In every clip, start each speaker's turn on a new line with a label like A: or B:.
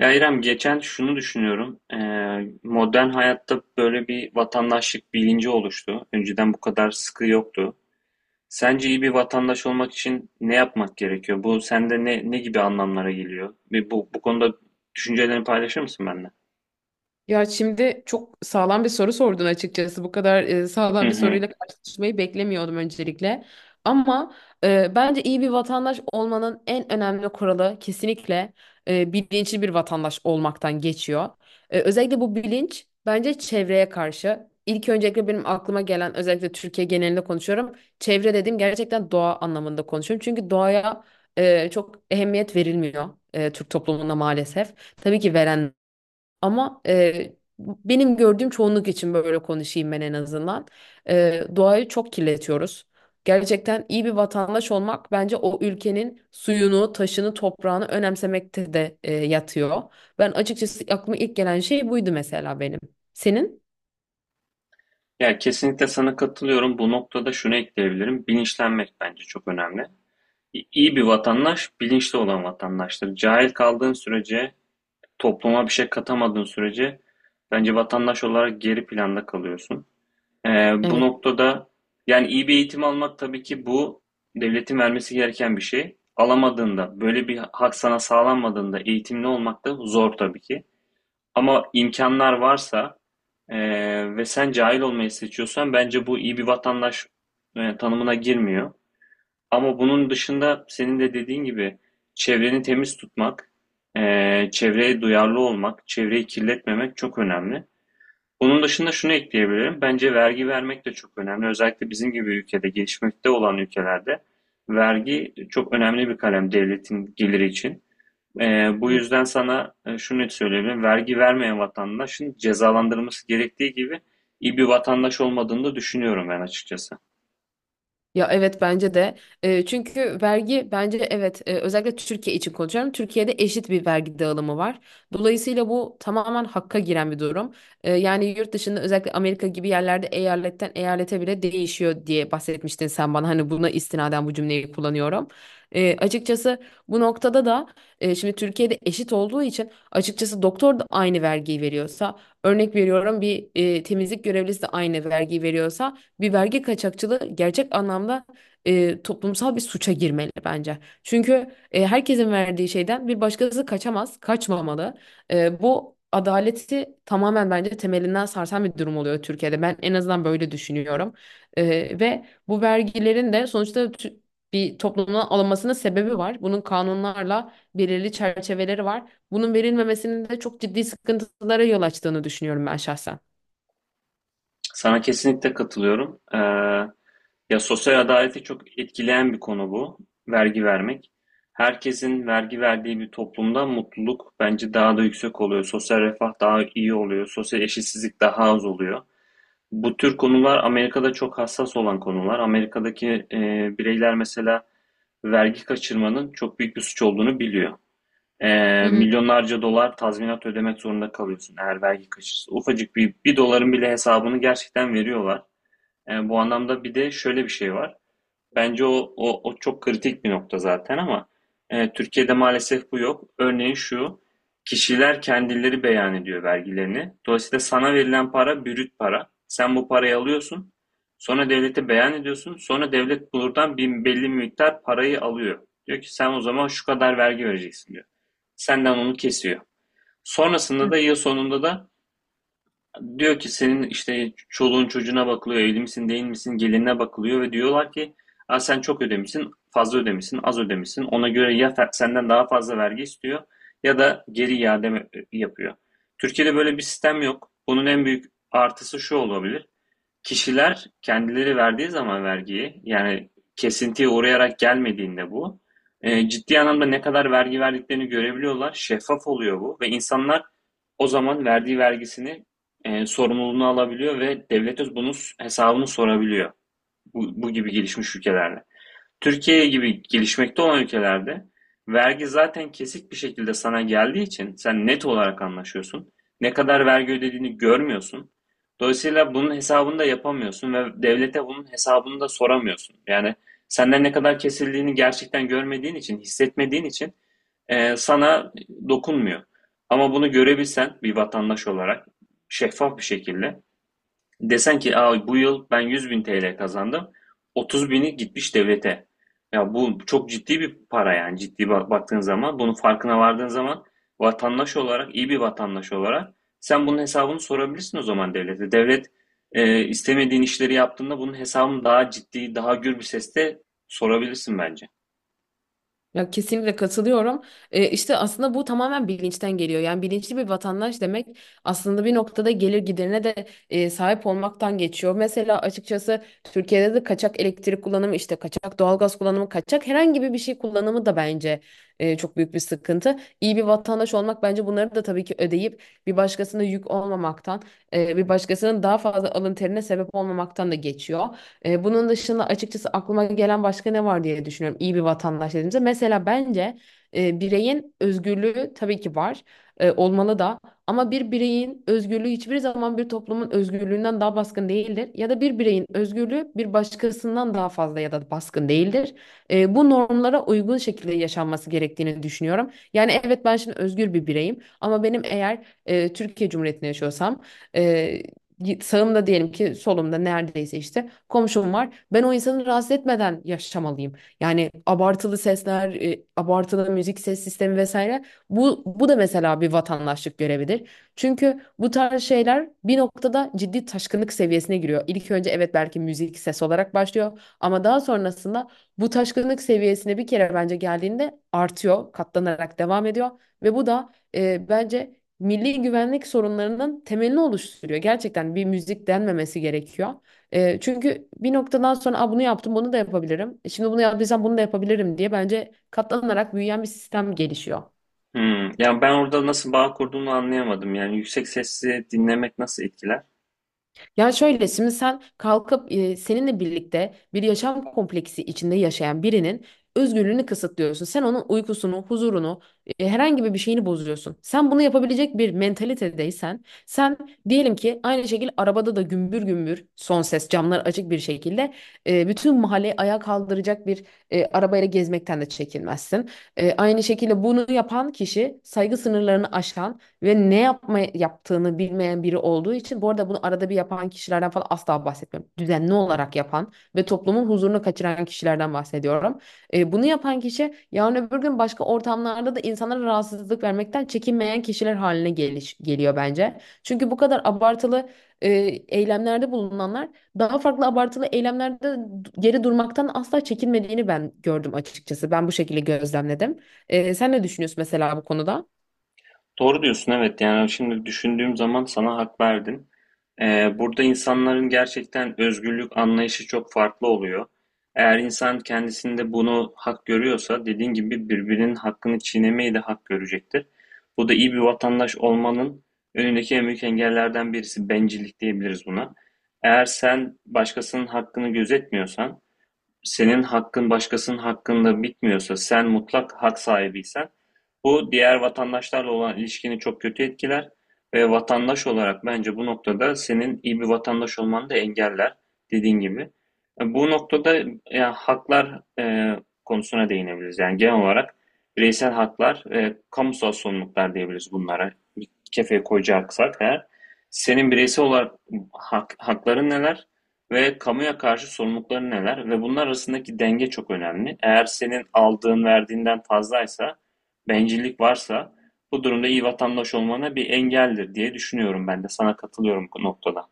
A: Ya İrem geçen şunu düşünüyorum. Modern hayatta böyle bir vatandaşlık bilinci oluştu. Önceden bu kadar sıkı yoktu. Sence iyi bir vatandaş olmak için ne yapmak gerekiyor? Bu sende ne gibi anlamlara geliyor? Bir bu konuda düşüncelerini paylaşır mısın benimle?
B: Ya şimdi çok sağlam bir soru sordun açıkçası. Bu kadar
A: Hı
B: sağlam bir
A: hı.
B: soruyla karşılaşmayı beklemiyordum öncelikle. Ama bence iyi bir vatandaş olmanın en önemli kuralı kesinlikle bilinçli bir vatandaş olmaktan geçiyor. Özellikle bu bilinç bence çevreye karşı. İlk öncelikle benim aklıma gelen özellikle Türkiye genelinde konuşuyorum. Çevre dediğim gerçekten doğa anlamında konuşuyorum. Çünkü doğaya çok ehemmiyet verilmiyor Türk toplumunda maalesef. Tabii ki veren ama benim gördüğüm çoğunluk için böyle konuşayım ben en azından. Doğayı çok kirletiyoruz. Gerçekten iyi bir vatandaş olmak bence o ülkenin suyunu, taşını, toprağını önemsemekte de yatıyor. Ben açıkçası aklıma ilk gelen şey buydu mesela benim. Senin?
A: Ya kesinlikle sana katılıyorum. Bu noktada şunu ekleyebilirim. Bilinçlenmek bence çok önemli. İyi bir vatandaş bilinçli olan vatandaştır. Cahil kaldığın sürece topluma bir şey katamadığın sürece bence vatandaş olarak geri planda kalıyorsun. Bu
B: Evet.
A: noktada yani iyi bir eğitim almak tabii ki bu devletin vermesi gereken bir şey. Alamadığında, böyle bir hak sana sağlanmadığında eğitimli olmak da zor tabii ki. Ama imkanlar varsa e, ve sen cahil olmayı seçiyorsan bence bu iyi bir vatandaş tanımına girmiyor. Ama bunun dışında senin de dediğin gibi çevreni temiz tutmak, çevreye duyarlı olmak, çevreyi kirletmemek çok önemli. Bunun dışında şunu ekleyebilirim. Bence vergi vermek de çok önemli. Özellikle bizim gibi ülkede, gelişmekte olan ülkelerde vergi çok önemli bir kalem devletin geliri için. Bu
B: Hı.
A: yüzden sana şunu söyleyebilirim. Vergi vermeyen vatandaşın cezalandırılması gerektiği gibi iyi bir vatandaş olmadığını da düşünüyorum ben açıkçası.
B: Ya evet bence de. Çünkü vergi bence evet, özellikle Türkiye için konuşuyorum. Türkiye'de eşit bir vergi dağılımı var. Dolayısıyla bu tamamen hakka giren bir durum. Yani yurt dışında özellikle Amerika gibi yerlerde eyaletten eyalete bile değişiyor diye bahsetmiştin sen bana. Hani buna istinaden bu cümleyi kullanıyorum. Açıkçası bu noktada da şimdi Türkiye'de eşit olduğu için açıkçası doktor da aynı vergiyi veriyorsa örnek veriyorum bir temizlik görevlisi de aynı vergiyi veriyorsa bir vergi kaçakçılığı gerçek anlamda toplumsal bir suça girmeli bence. Çünkü herkesin verdiği şeyden bir başkası kaçamaz, kaçmamalı. Bu adaleti tamamen bence temelinden sarsan bir durum oluyor Türkiye'de. Ben en azından böyle düşünüyorum. Ve bu vergilerin de sonuçta bir toplumdan alınmasının sebebi var. Bunun kanunlarla belirli çerçeveleri var. Bunun verilmemesinin de çok ciddi sıkıntılara yol açtığını düşünüyorum ben şahsen.
A: Sana kesinlikle katılıyorum. Ya sosyal adaleti çok etkileyen bir konu bu. Vergi vermek. Herkesin vergi verdiği bir toplumda mutluluk bence daha da yüksek oluyor. Sosyal refah daha iyi oluyor. Sosyal eşitsizlik daha az oluyor. Bu tür konular Amerika'da çok hassas olan konular. Amerika'daki bireyler mesela vergi kaçırmanın çok büyük bir suç olduğunu biliyor.
B: Hı hı.
A: Milyonlarca dolar tazminat ödemek zorunda kalıyorsun eğer vergi kaçırırsa. Ufacık bir doların bile hesabını gerçekten veriyorlar. Bu anlamda bir de şöyle bir şey var. Bence o çok kritik bir nokta zaten ama Türkiye'de maalesef bu yok. Örneğin şu, kişiler kendileri beyan ediyor vergilerini. Dolayısıyla sana verilen para bürüt para. Sen bu parayı alıyorsun, sonra devlete beyan ediyorsun, sonra devlet buradan bir belli miktar parayı alıyor. Diyor ki sen o zaman şu kadar vergi vereceksin diyor. Senden onu kesiyor. Sonrasında da
B: Hı.
A: yıl sonunda da diyor ki senin işte çoluğun çocuğuna bakılıyor, evli misin değil misin, gelinine bakılıyor ve diyorlar ki aa, sen çok ödemişsin, fazla ödemişsin, az ödemişsin. Ona göre ya senden daha fazla vergi istiyor ya da geri iade yapıyor. Türkiye'de böyle bir sistem yok. Bunun en büyük artısı şu olabilir. Kişiler kendileri verdiği zaman vergiyi, yani kesintiye uğrayarak gelmediğinde bu, ciddi anlamda ne kadar vergi verdiklerini görebiliyorlar. Şeffaf oluyor bu ve insanlar o zaman verdiği vergisini sorumluluğunu alabiliyor ve devlete bunun hesabını sorabiliyor. Bu gibi gelişmiş ülkelerle. Türkiye gibi gelişmekte olan ülkelerde vergi zaten kesik bir şekilde sana geldiği için sen net olarak anlaşıyorsun. Ne kadar vergi ödediğini görmüyorsun. Dolayısıyla bunun hesabını da yapamıyorsun ve devlete bunun hesabını da soramıyorsun. Yani senden ne kadar kesildiğini gerçekten görmediğin için, hissetmediğin için sana dokunmuyor. Ama bunu görebilsen bir vatandaş olarak şeffaf bir şekilde desen ki aa, bu yıl ben 100.000 TL kazandım, 30 bini gitmiş devlete. Ya bu çok ciddi bir para yani ciddi baktığın zaman. Bunun farkına vardığın zaman vatandaş olarak iyi bir vatandaş olarak sen bunun hesabını sorabilirsin o zaman devlete. Devlet istemediğin işleri yaptığında bunun hesabını daha ciddi, daha gür bir sesle sorabilirsin bence.
B: Ya kesinlikle katılıyorum. İşte aslında bu tamamen bilinçten geliyor. Yani bilinçli bir vatandaş demek aslında bir noktada gelir giderine de sahip olmaktan geçiyor. Mesela açıkçası Türkiye'de de kaçak elektrik kullanımı, işte kaçak doğalgaz kullanımı, kaçak herhangi bir şey kullanımı da bence çok büyük bir sıkıntı. İyi bir vatandaş olmak bence bunları da tabii ki ödeyip bir başkasına yük olmamaktan, bir başkasının daha fazla alın terine sebep olmamaktan da geçiyor. Bunun dışında açıkçası aklıma gelen başka ne var diye düşünüyorum. İyi bir vatandaş dediğimizde. Mesela bence bireyin özgürlüğü tabii ki var. Olmalı da. Ama bir bireyin özgürlüğü hiçbir zaman bir toplumun özgürlüğünden daha baskın değildir. Ya da bir bireyin özgürlüğü bir başkasından daha fazla ya da baskın değildir. Bu normlara uygun şekilde yaşanması gerektiğini düşünüyorum. Yani evet ben şimdi özgür bir bireyim ama benim eğer Türkiye Cumhuriyeti'nde yaşıyorsam e, sağımda diyelim ki solumda neredeyse işte komşum var. Ben o insanı rahatsız etmeden yaşamalıyım. Yani abartılı sesler, abartılı müzik ses sistemi vesaire. Bu da mesela bir vatandaşlık görevidir. Çünkü bu tarz şeyler bir noktada ciddi taşkınlık seviyesine giriyor. İlk önce evet belki müzik ses olarak başlıyor ama daha sonrasında bu taşkınlık seviyesine bir kere bence geldiğinde artıyor, katlanarak devam ediyor ve bu da bence milli güvenlik sorunlarının temelini oluşturuyor. Gerçekten bir müzik denmemesi gerekiyor. Çünkü bir noktadan sonra "Aa, bunu yaptım bunu da yapabilirim. Şimdi bunu yaptıysam bunu da yapabilirim" diye bence katlanarak büyüyen bir sistem gelişiyor.
A: Hmm. Yani ben orada nasıl bağ kurduğunu anlayamadım. Yani yüksek sesli dinlemek nasıl etkiler?
B: Ya şöyle, şimdi sen kalkıp seninle birlikte bir yaşam kompleksi içinde yaşayan birinin özgürlüğünü kısıtlıyorsun. Sen onun uykusunu, huzurunu, herhangi bir şeyini bozuyorsun. Sen bunu yapabilecek bir mentalitedeysen, sen diyelim ki aynı şekilde arabada da gümbür gümbür son ses camlar açık bir şekilde bütün mahalleyi ayağa kaldıracak bir arabayla gezmekten de çekinmezsin. Aynı şekilde bunu yapan kişi saygı sınırlarını aşan ve ne yapma yaptığını bilmeyen biri olduğu için, bu arada bunu arada bir yapan kişilerden falan asla bahsetmiyorum. Düzenli olarak yapan ve toplumun huzurunu kaçıran kişilerden bahsediyorum. Bunu yapan kişi yarın öbür gün başka ortamlarda da insanlara rahatsızlık vermekten çekinmeyen kişiler haline geliyor bence. Çünkü bu kadar abartılı e, eylemlerde bulunanlar daha farklı abartılı eylemlerde geri durmaktan asla çekinmediğini ben gördüm açıkçası. Ben bu şekilde gözlemledim. Sen ne düşünüyorsun mesela bu konuda?
A: Doğru diyorsun, evet. Yani şimdi düşündüğüm zaman sana hak verdim. Burada insanların gerçekten özgürlük anlayışı çok farklı oluyor. Eğer insan kendisinde bunu hak görüyorsa, dediğin gibi birbirinin hakkını çiğnemeyi de hak görecektir. Bu da iyi bir vatandaş olmanın önündeki en büyük engellerden birisi bencillik, diyebiliriz buna. Eğer sen başkasının hakkını gözetmiyorsan, senin hakkın başkasının hakkında bitmiyorsa, sen mutlak hak sahibiysen, bu diğer vatandaşlarla olan ilişkini çok kötü etkiler ve vatandaş olarak bence bu noktada senin iyi bir vatandaş olmanı da engeller dediğin gibi. Bu noktada haklar konusuna değinebiliriz. Yani genel olarak bireysel haklar, kamusal sorumluluklar diyebiliriz bunlara kefeye koyacaksak eğer senin bireysel olarak hakların neler ve kamuya karşı sorumlulukların neler ve bunlar arasındaki denge çok önemli. Eğer senin aldığın verdiğinden fazlaysa, bencillik varsa bu durumda iyi vatandaş olmana bir engeldir diye düşünüyorum ben de. Sana katılıyorum bu noktada.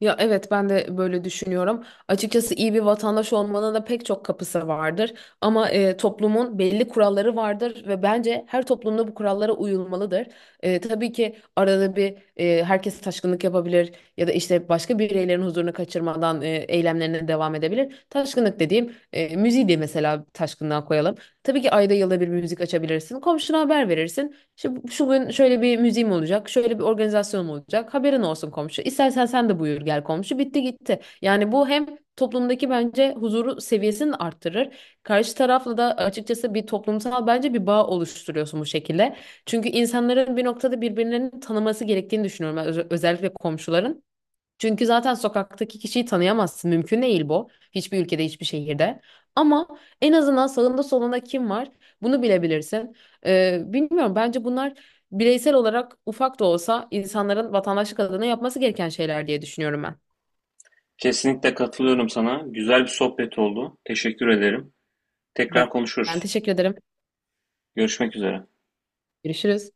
B: Ya evet, ben de böyle düşünüyorum. Açıkçası iyi bir vatandaş olmanın da pek çok kapısı vardır. Ama toplumun belli kuralları vardır ve bence her toplumda bu kurallara uyulmalıdır. Tabii ki arada bir herkes taşkınlık yapabilir ya da işte başka bireylerin huzurunu kaçırmadan eylemlerine devam edebilir. Taşkınlık dediğim, müziği de mesela taşkınlığa koyalım. Tabii ki ayda yılda bir müzik açabilirsin. Komşuna haber verirsin. İşte şu gün şöyle bir müziğim olacak, şöyle bir organizasyonum olacak. Haberin olsun komşu. İstersen sen de buyur gel komşu. Bitti gitti. Yani bu hem toplumdaki bence huzuru seviyesini arttırır. Karşı tarafla da açıkçası bir toplumsal bence bir bağ oluşturuyorsun bu şekilde. Çünkü insanların bir noktada birbirlerini tanıması gerektiğini düşünüyorum. Ben, özellikle komşuların. Çünkü zaten sokaktaki kişiyi tanıyamazsın. Mümkün değil bu. Hiçbir ülkede, hiçbir şehirde. Ama en azından sağında solunda kim var, bunu bilebilirsin. Bilmiyorum, bence bunlar bireysel olarak ufak da olsa insanların vatandaşlık adına yapması gereken şeyler diye düşünüyorum ben.
A: Kesinlikle katılıyorum sana. Güzel bir sohbet oldu. Teşekkür ederim. Tekrar
B: Ben Ben
A: konuşuruz.
B: teşekkür ederim.
A: Görüşmek üzere.
B: Görüşürüz.